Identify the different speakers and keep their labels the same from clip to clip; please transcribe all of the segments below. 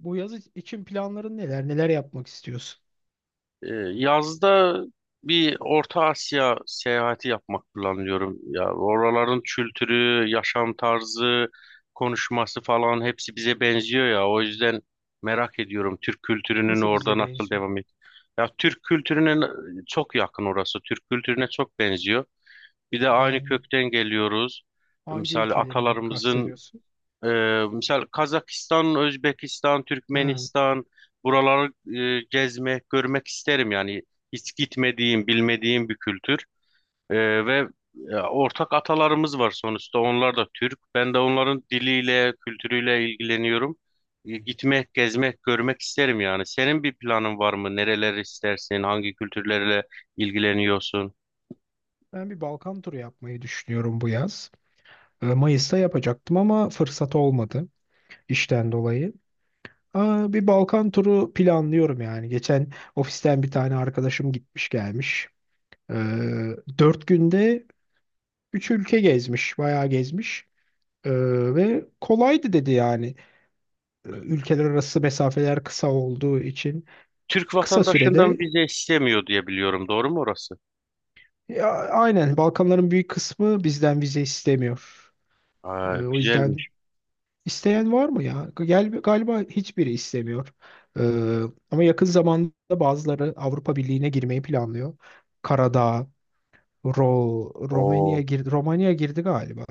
Speaker 1: Bu yaz için planların neler? Neler yapmak istiyorsun?
Speaker 2: Yazda bir Orta Asya seyahati yapmak planlıyorum. Ya oraların kültürü, yaşam tarzı, konuşması falan hepsi bize benziyor ya. O yüzden merak ediyorum Türk kültürünün
Speaker 1: Nasıl
Speaker 2: orada
Speaker 1: bize
Speaker 2: nasıl
Speaker 1: benziyor?
Speaker 2: devam et. Ya çok yakın orası. Türk kültürüne çok benziyor. Bir de aynı
Speaker 1: Ben
Speaker 2: kökten geliyoruz.
Speaker 1: hangi
Speaker 2: Misal
Speaker 1: ülkeleri
Speaker 2: atalarımızın
Speaker 1: kastediyorsun?
Speaker 2: misal Kazakistan, Özbekistan,
Speaker 1: Ha,
Speaker 2: Türkmenistan buraları gezmek, görmek isterim yani hiç gitmediğim, bilmediğim bir kültür. Ee, ve ortak atalarımız var sonuçta onlar da Türk. Ben de onların diliyle, kültürüyle ilgileniyorum. Gitmek, gezmek, görmek isterim yani. Senin bir planın var mı? Nereler istersin? Hangi kültürlerle ilgileniyorsun?
Speaker 1: ben bir Balkan turu yapmayı düşünüyorum bu yaz. Mayıs'ta yapacaktım ama fırsat olmadı işten dolayı. Bir Balkan turu planlıyorum yani. Geçen ofisten bir tane arkadaşım gitmiş gelmiş. Ee, dört günde üç ülke gezmiş, bayağı gezmiş. Ee, ve kolaydı dedi yani. Ülkeler arası mesafeler kısa olduğu için.
Speaker 2: Türk
Speaker 1: Kısa
Speaker 2: vatandaşından
Speaker 1: sürede
Speaker 2: vize istemiyor diye biliyorum. Doğru mu orası?
Speaker 1: ya, aynen Balkanların büyük kısmı bizden vize istemiyor.
Speaker 2: Aa,
Speaker 1: O yüzden
Speaker 2: güzelmiş.
Speaker 1: isteyen var mı ya? Gel, galiba hiçbiri istemiyor. Ee, ama yakın zamanda bazıları Avrupa Birliği'ne girmeyi planlıyor. Karadağ, Ro Romanya
Speaker 2: Oo.
Speaker 1: girdi, Romanya girdi galiba.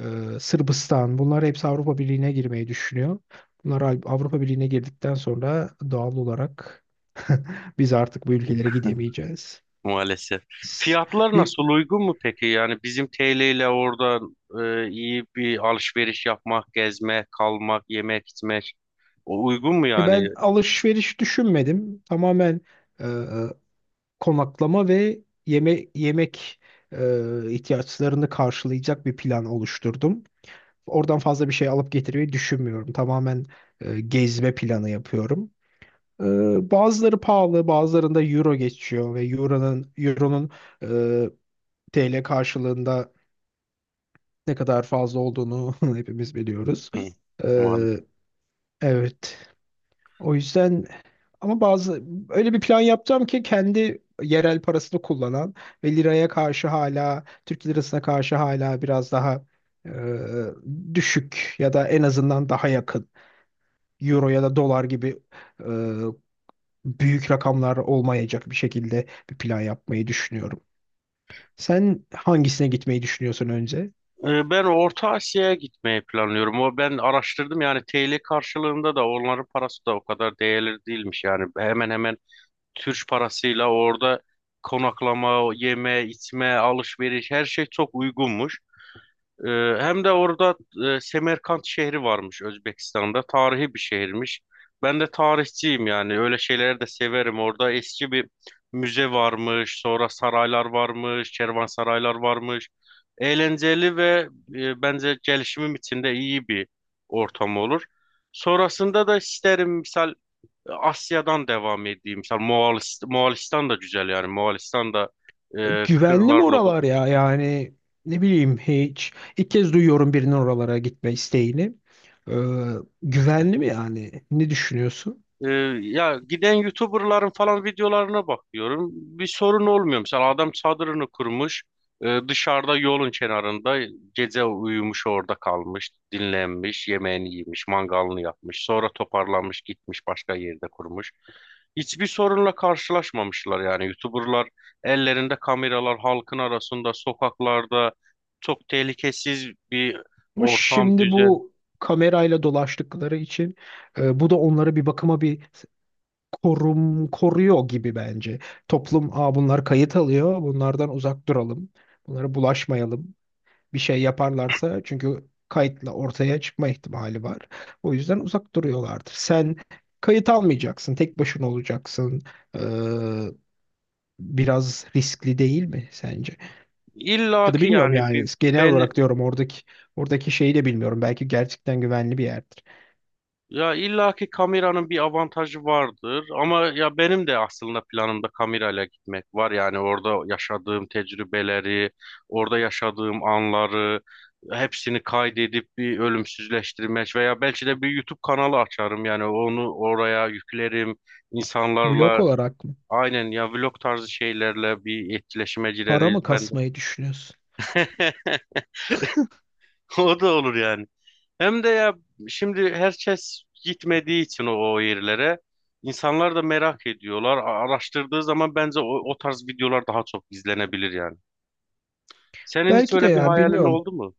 Speaker 1: Sırbistan bunlar hepsi Avrupa Birliği'ne girmeyi düşünüyor. Bunlar Avrupa Birliği'ne girdikten sonra doğal olarak biz artık bu ülkelere gidemeyeceğiz.
Speaker 2: Maalesef.
Speaker 1: S-
Speaker 2: Fiyatlar
Speaker 1: Bir
Speaker 2: nasıl uygun mu peki? Yani bizim TL ile orada iyi bir alışveriş yapmak, gezmek, kalmak, yemek, içmek o uygun mu
Speaker 1: Ya
Speaker 2: yani?
Speaker 1: ben alışveriş düşünmedim. Tamamen e, konaklama ve yeme yemek ihtiyaçlarını karşılayacak bir plan oluşturdum. Oradan fazla bir şey alıp getirmeyi düşünmüyorum. Tamamen gezme planı yapıyorum. E, bazıları pahalı, bazılarında euro geçiyor ve euronun e, TL karşılığında ne kadar fazla olduğunu hepimiz biliyoruz.
Speaker 2: Hı.
Speaker 1: E,
Speaker 2: Maalesef.
Speaker 1: evet. O yüzden ama bazı öyle bir plan yapacağım ki kendi yerel parasını kullanan ve liraya karşı hala Türk lirasına karşı hala biraz daha e, düşük ya da en azından daha yakın euro ya da dolar gibi e, büyük rakamlar olmayacak bir şekilde bir plan yapmayı düşünüyorum. Sen hangisine gitmeyi düşünüyorsun önce?
Speaker 2: Ben Orta Asya'ya gitmeyi planlıyorum. O ben araştırdım yani TL karşılığında da onların parası da o kadar değerli değilmiş yani. Hemen hemen Türk parasıyla orada konaklama, yeme, içme, alışveriş her şey çok uygunmuş. Hem de orada Semerkant şehri varmış Özbekistan'da. Tarihi bir şehirmiş. Ben de tarihçiyim yani. Öyle şeyleri de severim. Orada eski bir müze varmış. Sonra saraylar varmış. Kervansaraylar varmış. Eğlenceli ve bence gelişimim için de iyi bir ortam olur. Sonrasında da isterim misal Asya'dan devam edeyim. Misal Moğolistan da güzel yani. Moğolistan da
Speaker 1: Güvenli mi
Speaker 2: kırlarla dolu.
Speaker 1: oralar ya? Yani ne bileyim hiç. İlk kez duyuyorum birinin oralara gitme isteğini. Ee, güvenli mi yani? Ne düşünüyorsun?
Speaker 2: Ee, ya giden YouTuber'ların falan videolarına bakıyorum. Bir sorun olmuyor. Mesela adam çadırını kurmuş. Dışarıda yolun kenarında gece uyumuş orada kalmış. Dinlenmiş, yemeğini yemiş, mangalını yapmış. Sonra toparlanmış gitmiş başka yerde kurmuş. Hiçbir sorunla karşılaşmamışlar yani. YouTuber'lar ellerinde kameralar halkın arasında sokaklarda çok tehlikesiz bir
Speaker 1: Ama
Speaker 2: ortam
Speaker 1: şimdi
Speaker 2: düzen.
Speaker 1: bu kamerayla dolaştıkları için bu da onları bir bakıma bir koruyor gibi bence. Toplum, bunlar kayıt alıyor. Bunlardan uzak duralım. Bunlara bulaşmayalım. Bir şey yaparlarsa çünkü kayıtla ortaya çıkma ihtimali var. O yüzden uzak duruyorlardır. Sen kayıt almayacaksın. Tek başına olacaksın. Ee, biraz riskli değil mi sence? Ya
Speaker 2: İlla
Speaker 1: da
Speaker 2: ki
Speaker 1: bilmiyorum
Speaker 2: yani
Speaker 1: yani
Speaker 2: bir
Speaker 1: genel olarak
Speaker 2: belli
Speaker 1: diyorum oradaki şeyi de bilmiyorum. Belki gerçekten güvenli bir yerdir.
Speaker 2: Ya illaki kameranın bir avantajı vardır ama ya benim de aslında planımda kamerayla gitmek var. Yani orada yaşadığım tecrübeleri, orada yaşadığım anları hepsini kaydedip bir ölümsüzleştirmek veya belki de bir YouTube kanalı açarım. Yani onu oraya yüklerim.
Speaker 1: Vlog
Speaker 2: İnsanlarla
Speaker 1: olarak mı?
Speaker 2: aynen ya vlog tarzı şeylerle bir etkileşime
Speaker 1: Para
Speaker 2: gireriz.
Speaker 1: mı
Speaker 2: Ben de.
Speaker 1: kasmayı düşünüyorsun?
Speaker 2: O da olur yani. Hem de ya şimdi herkes gitmediği için o yerlere insanlar da merak ediyorlar. Araştırdığı zaman bence o tarz videolar daha çok izlenebilir yani. Senin hiç
Speaker 1: Belki de
Speaker 2: öyle bir
Speaker 1: yani
Speaker 2: hayalin
Speaker 1: bilmiyorum
Speaker 2: oldu mu?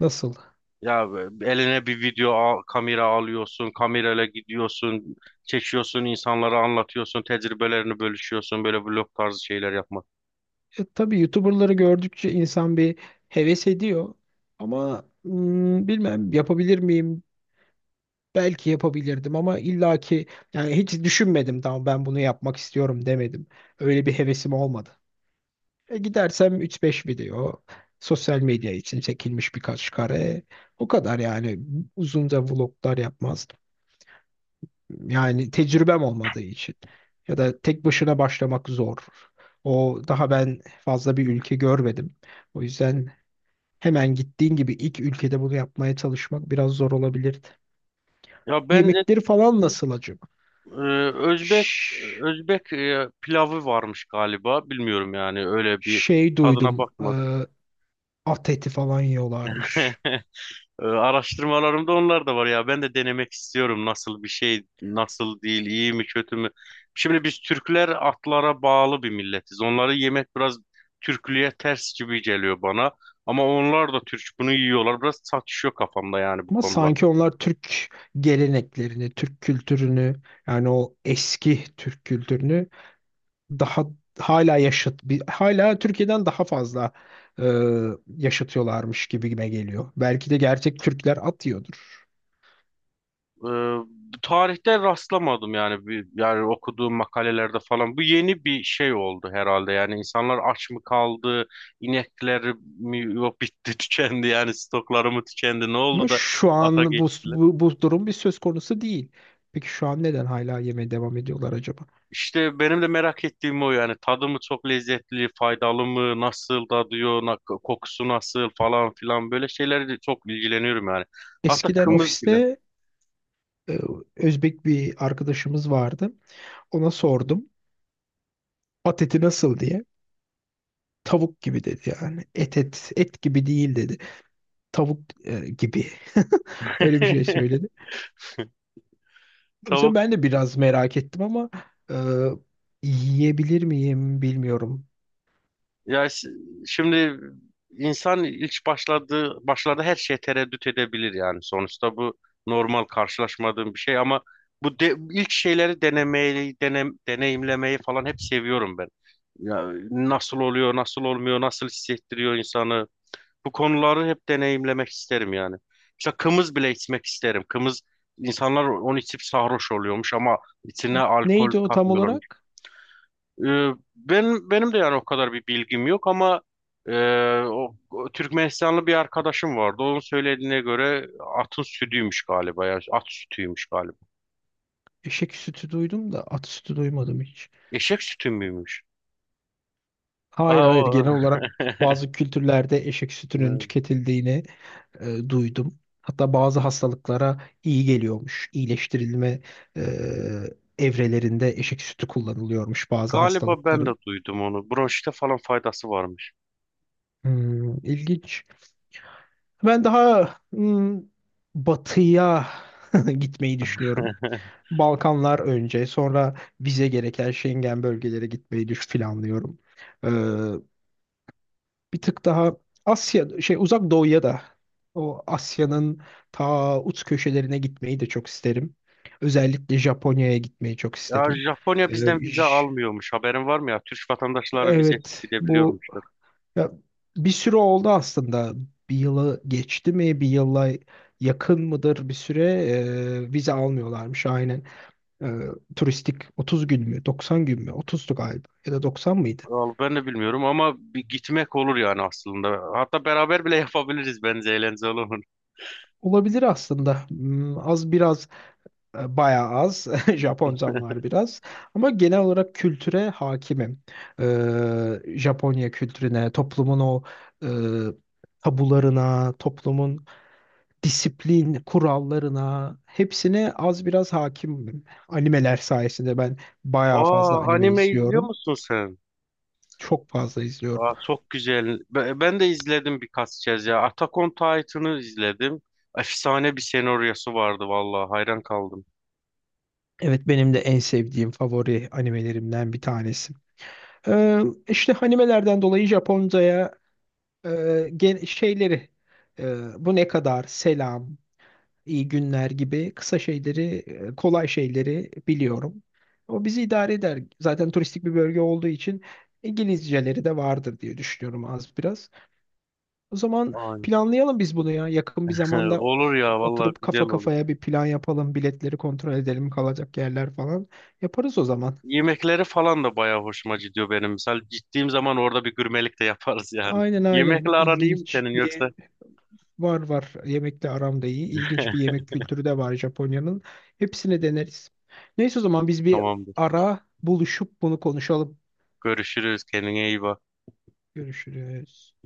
Speaker 1: nasıl.
Speaker 2: Ya eline bir kamera alıyorsun, kamerayla gidiyorsun, çekiyorsun, insanlara anlatıyorsun, tecrübelerini bölüşüyorsun, böyle vlog tarzı şeyler yapmak.
Speaker 1: Tabii YouTuber'ları gördükçe insan bir heves ediyor. Ama bilmem yapabilir miyim? Belki yapabilirdim ama illaki yani hiç düşünmedim, tamam ben bunu yapmak istiyorum demedim. Öyle bir hevesim olmadı. Gidersem üç beş video, sosyal medya için çekilmiş birkaç kare. O kadar yani uzunca vloglar yapmazdım. Yani tecrübem olmadığı için. Ya da tek başına başlamak zor. O daha ben fazla bir ülke görmedim. O yüzden hemen gittiğin gibi ilk ülkede bunu yapmaya çalışmak biraz zor olabilirdi.
Speaker 2: Ya bence
Speaker 1: Yemekleri falan nasıl acaba?
Speaker 2: e, Özbek
Speaker 1: Ş-
Speaker 2: Özbek pilavı varmış galiba, bilmiyorum yani öyle bir
Speaker 1: şey
Speaker 2: tadına
Speaker 1: duydum.
Speaker 2: bakmadım.
Speaker 1: At eti falan yiyorlarmış.
Speaker 2: Araştırmalarımda onlar da var ya. Ben de denemek istiyorum nasıl bir şey, nasıl değil, iyi mi, kötü mü? Şimdi biz Türkler atlara bağlı bir milletiz. Onları yemek biraz Türklüğe ters gibi geliyor bana. Ama onlar da Türk bunu yiyorlar. Biraz çatışıyor kafamda yani bu
Speaker 1: Ama
Speaker 2: konular.
Speaker 1: sanki onlar Türk geleneklerini, Türk kültürünü, yani o eski Türk kültürünü daha hala hala Türkiye'den daha fazla e, yaşatıyorlarmış gibime geliyor. Belki de gerçek Türkler atıyordur.
Speaker 2: Ee, Tarihte rastlamadım yani bir, yani okuduğum makalelerde falan bu yeni bir şey oldu herhalde yani insanlar aç mı kaldı inekleri mi yok bitti tükendi yani stokları mı tükendi ne oldu
Speaker 1: Ama
Speaker 2: da
Speaker 1: şu
Speaker 2: ata
Speaker 1: an bu,
Speaker 2: geçtiler.
Speaker 1: bu, bu durum bir söz konusu değil. Peki şu an neden hala yemeye devam ediyorlar acaba?
Speaker 2: İşte benim de merak ettiğim o yani tadı mı çok lezzetli faydalı mı nasıl tadıyor kokusu nasıl falan filan böyle şeylerle çok ilgileniyorum yani, hatta
Speaker 1: Eskiden
Speaker 2: kımız bile.
Speaker 1: ofiste e, Özbek bir arkadaşımız vardı. Ona sordum. At eti nasıl diye. Tavuk gibi dedi yani. Et gibi değil dedi. Tavuk gibi. Öyle bir şey söyledi. O yüzden
Speaker 2: Tavuk.
Speaker 1: ben de biraz merak ettim ama e, yiyebilir miyim bilmiyorum.
Speaker 2: Ya s- şimdi insan ilk başladığı başlarda her şeye tereddüt edebilir yani sonuçta bu normal karşılaşmadığım bir şey ama ilk şeyleri deneyimlemeyi falan hep seviyorum ben. Ya nasıl oluyor, nasıl olmuyor, nasıl hissettiriyor insanı. Bu konuları hep deneyimlemek isterim yani. Mesela kımız bile içmek isterim. Kımız insanlar onu içip sarhoş oluyormuş ama içine
Speaker 1: O,
Speaker 2: alkol
Speaker 1: neydi o tam
Speaker 2: katmıyorlar.
Speaker 1: olarak?
Speaker 2: Ee, Benim de yani o kadar bir bilgim yok ama e, o Türkmenistanlı bir arkadaşım vardı. Onun söylediğine göre atın sütüymüş galiba ya. At sütüymüş galiba.
Speaker 1: Eşek sütü duydum da at sütü duymadım hiç.
Speaker 2: Eşek sütü müymüş?
Speaker 1: Hayır
Speaker 2: Aa,
Speaker 1: hayır
Speaker 2: o...
Speaker 1: genel olarak bazı kültürlerde eşek sütünün
Speaker 2: Evet.
Speaker 1: tüketildiğini duydum. Hatta bazı hastalıklara iyi geliyormuş. İyileştirilme e, evrelerinde eşek sütü kullanılıyormuş bazı
Speaker 2: Galiba ben de
Speaker 1: hastalıkların.
Speaker 2: duydum onu. Bronşite falan faydası varmış.
Speaker 1: İlginç. Ben daha batıya gitmeyi düşünüyorum. Balkanlar önce, sonra vize gereken Schengen bölgelere gitmeyi düş planlıyorum. Bir tık daha Asya şey Uzak Doğu'ya da o Asya'nın ta uç köşelerine gitmeyi de çok isterim. Özellikle Japonya'ya gitmeyi çok
Speaker 2: Ya
Speaker 1: isterim. Ee,
Speaker 2: Japonya bizden vize
Speaker 1: j-
Speaker 2: almıyormuş. Haberin var mı ya? Türk vatandaşları vizesiz
Speaker 1: evet bu
Speaker 2: gidebiliyormuşlar.
Speaker 1: ya, bir süre oldu aslında. Bir yılı geçti mi? Bir yıla yakın mıdır bir süre, vize almıyorlarmış aynen. E, turistik 30 gün mü? 90 gün mü? 30'du galiba ya da 90 mıydı?
Speaker 2: Al, ben de bilmiyorum ama bir gitmek olur yani aslında. Hatta beraber bile yapabiliriz bence eğlenceli olur.
Speaker 1: Olabilir aslında. Az biraz. Bayağı az. Japoncam var biraz. Ama genel olarak kültüre hakimim. Japonya kültürüne, toplumun o e, tabularına, toplumun disiplin kurallarına hepsine az biraz hakimim. Animeler sayesinde ben bayağı
Speaker 2: Aa,
Speaker 1: fazla anime
Speaker 2: anime izliyor
Speaker 1: izliyorum.
Speaker 2: musun sen?
Speaker 1: Çok fazla izliyorum.
Speaker 2: Aa, çok güzel. Ben de izledim birkaç kez ya. Attack on Titan'ı izledim. Efsane bir senaryosu vardı vallahi hayran kaldım.
Speaker 1: Evet, benim de en sevdiğim favori animelerimden bir tanesi. Ee, işte animelerden dolayı Japonca'ya şeyleri, bu ne kadar selam, iyi günler gibi kısa şeyleri, kolay şeyleri biliyorum. O bizi idare eder. Zaten turistik bir bölge olduğu için İngilizceleri de vardır diye düşünüyorum az biraz. O zaman
Speaker 2: Ay.
Speaker 1: planlayalım biz bunu ya. Yakın bir zamanda
Speaker 2: Olur ya vallahi
Speaker 1: oturup
Speaker 2: güzel
Speaker 1: kafa
Speaker 2: olur.
Speaker 1: kafaya bir plan yapalım. Biletleri kontrol edelim, kalacak yerler falan. Yaparız o zaman.
Speaker 2: Yemekleri falan da bayağı hoşuma gidiyor benim. Misal gittiğim zaman orada bir gurmelik de yaparız yani.
Speaker 1: Aynen, aynen.
Speaker 2: Yemekle aran iyi mi
Speaker 1: İlginç
Speaker 2: senin yoksa?
Speaker 1: bir, var var. Yemekle aram da iyi. İlginç bir yemek kültürü de var Japonya'nın. Hepsini deneriz. Neyse o zaman biz bir
Speaker 2: Tamamdır.
Speaker 1: ara buluşup bunu konuşalım.
Speaker 2: Görüşürüz. Kendine iyi bak.
Speaker 1: Görüşürüz.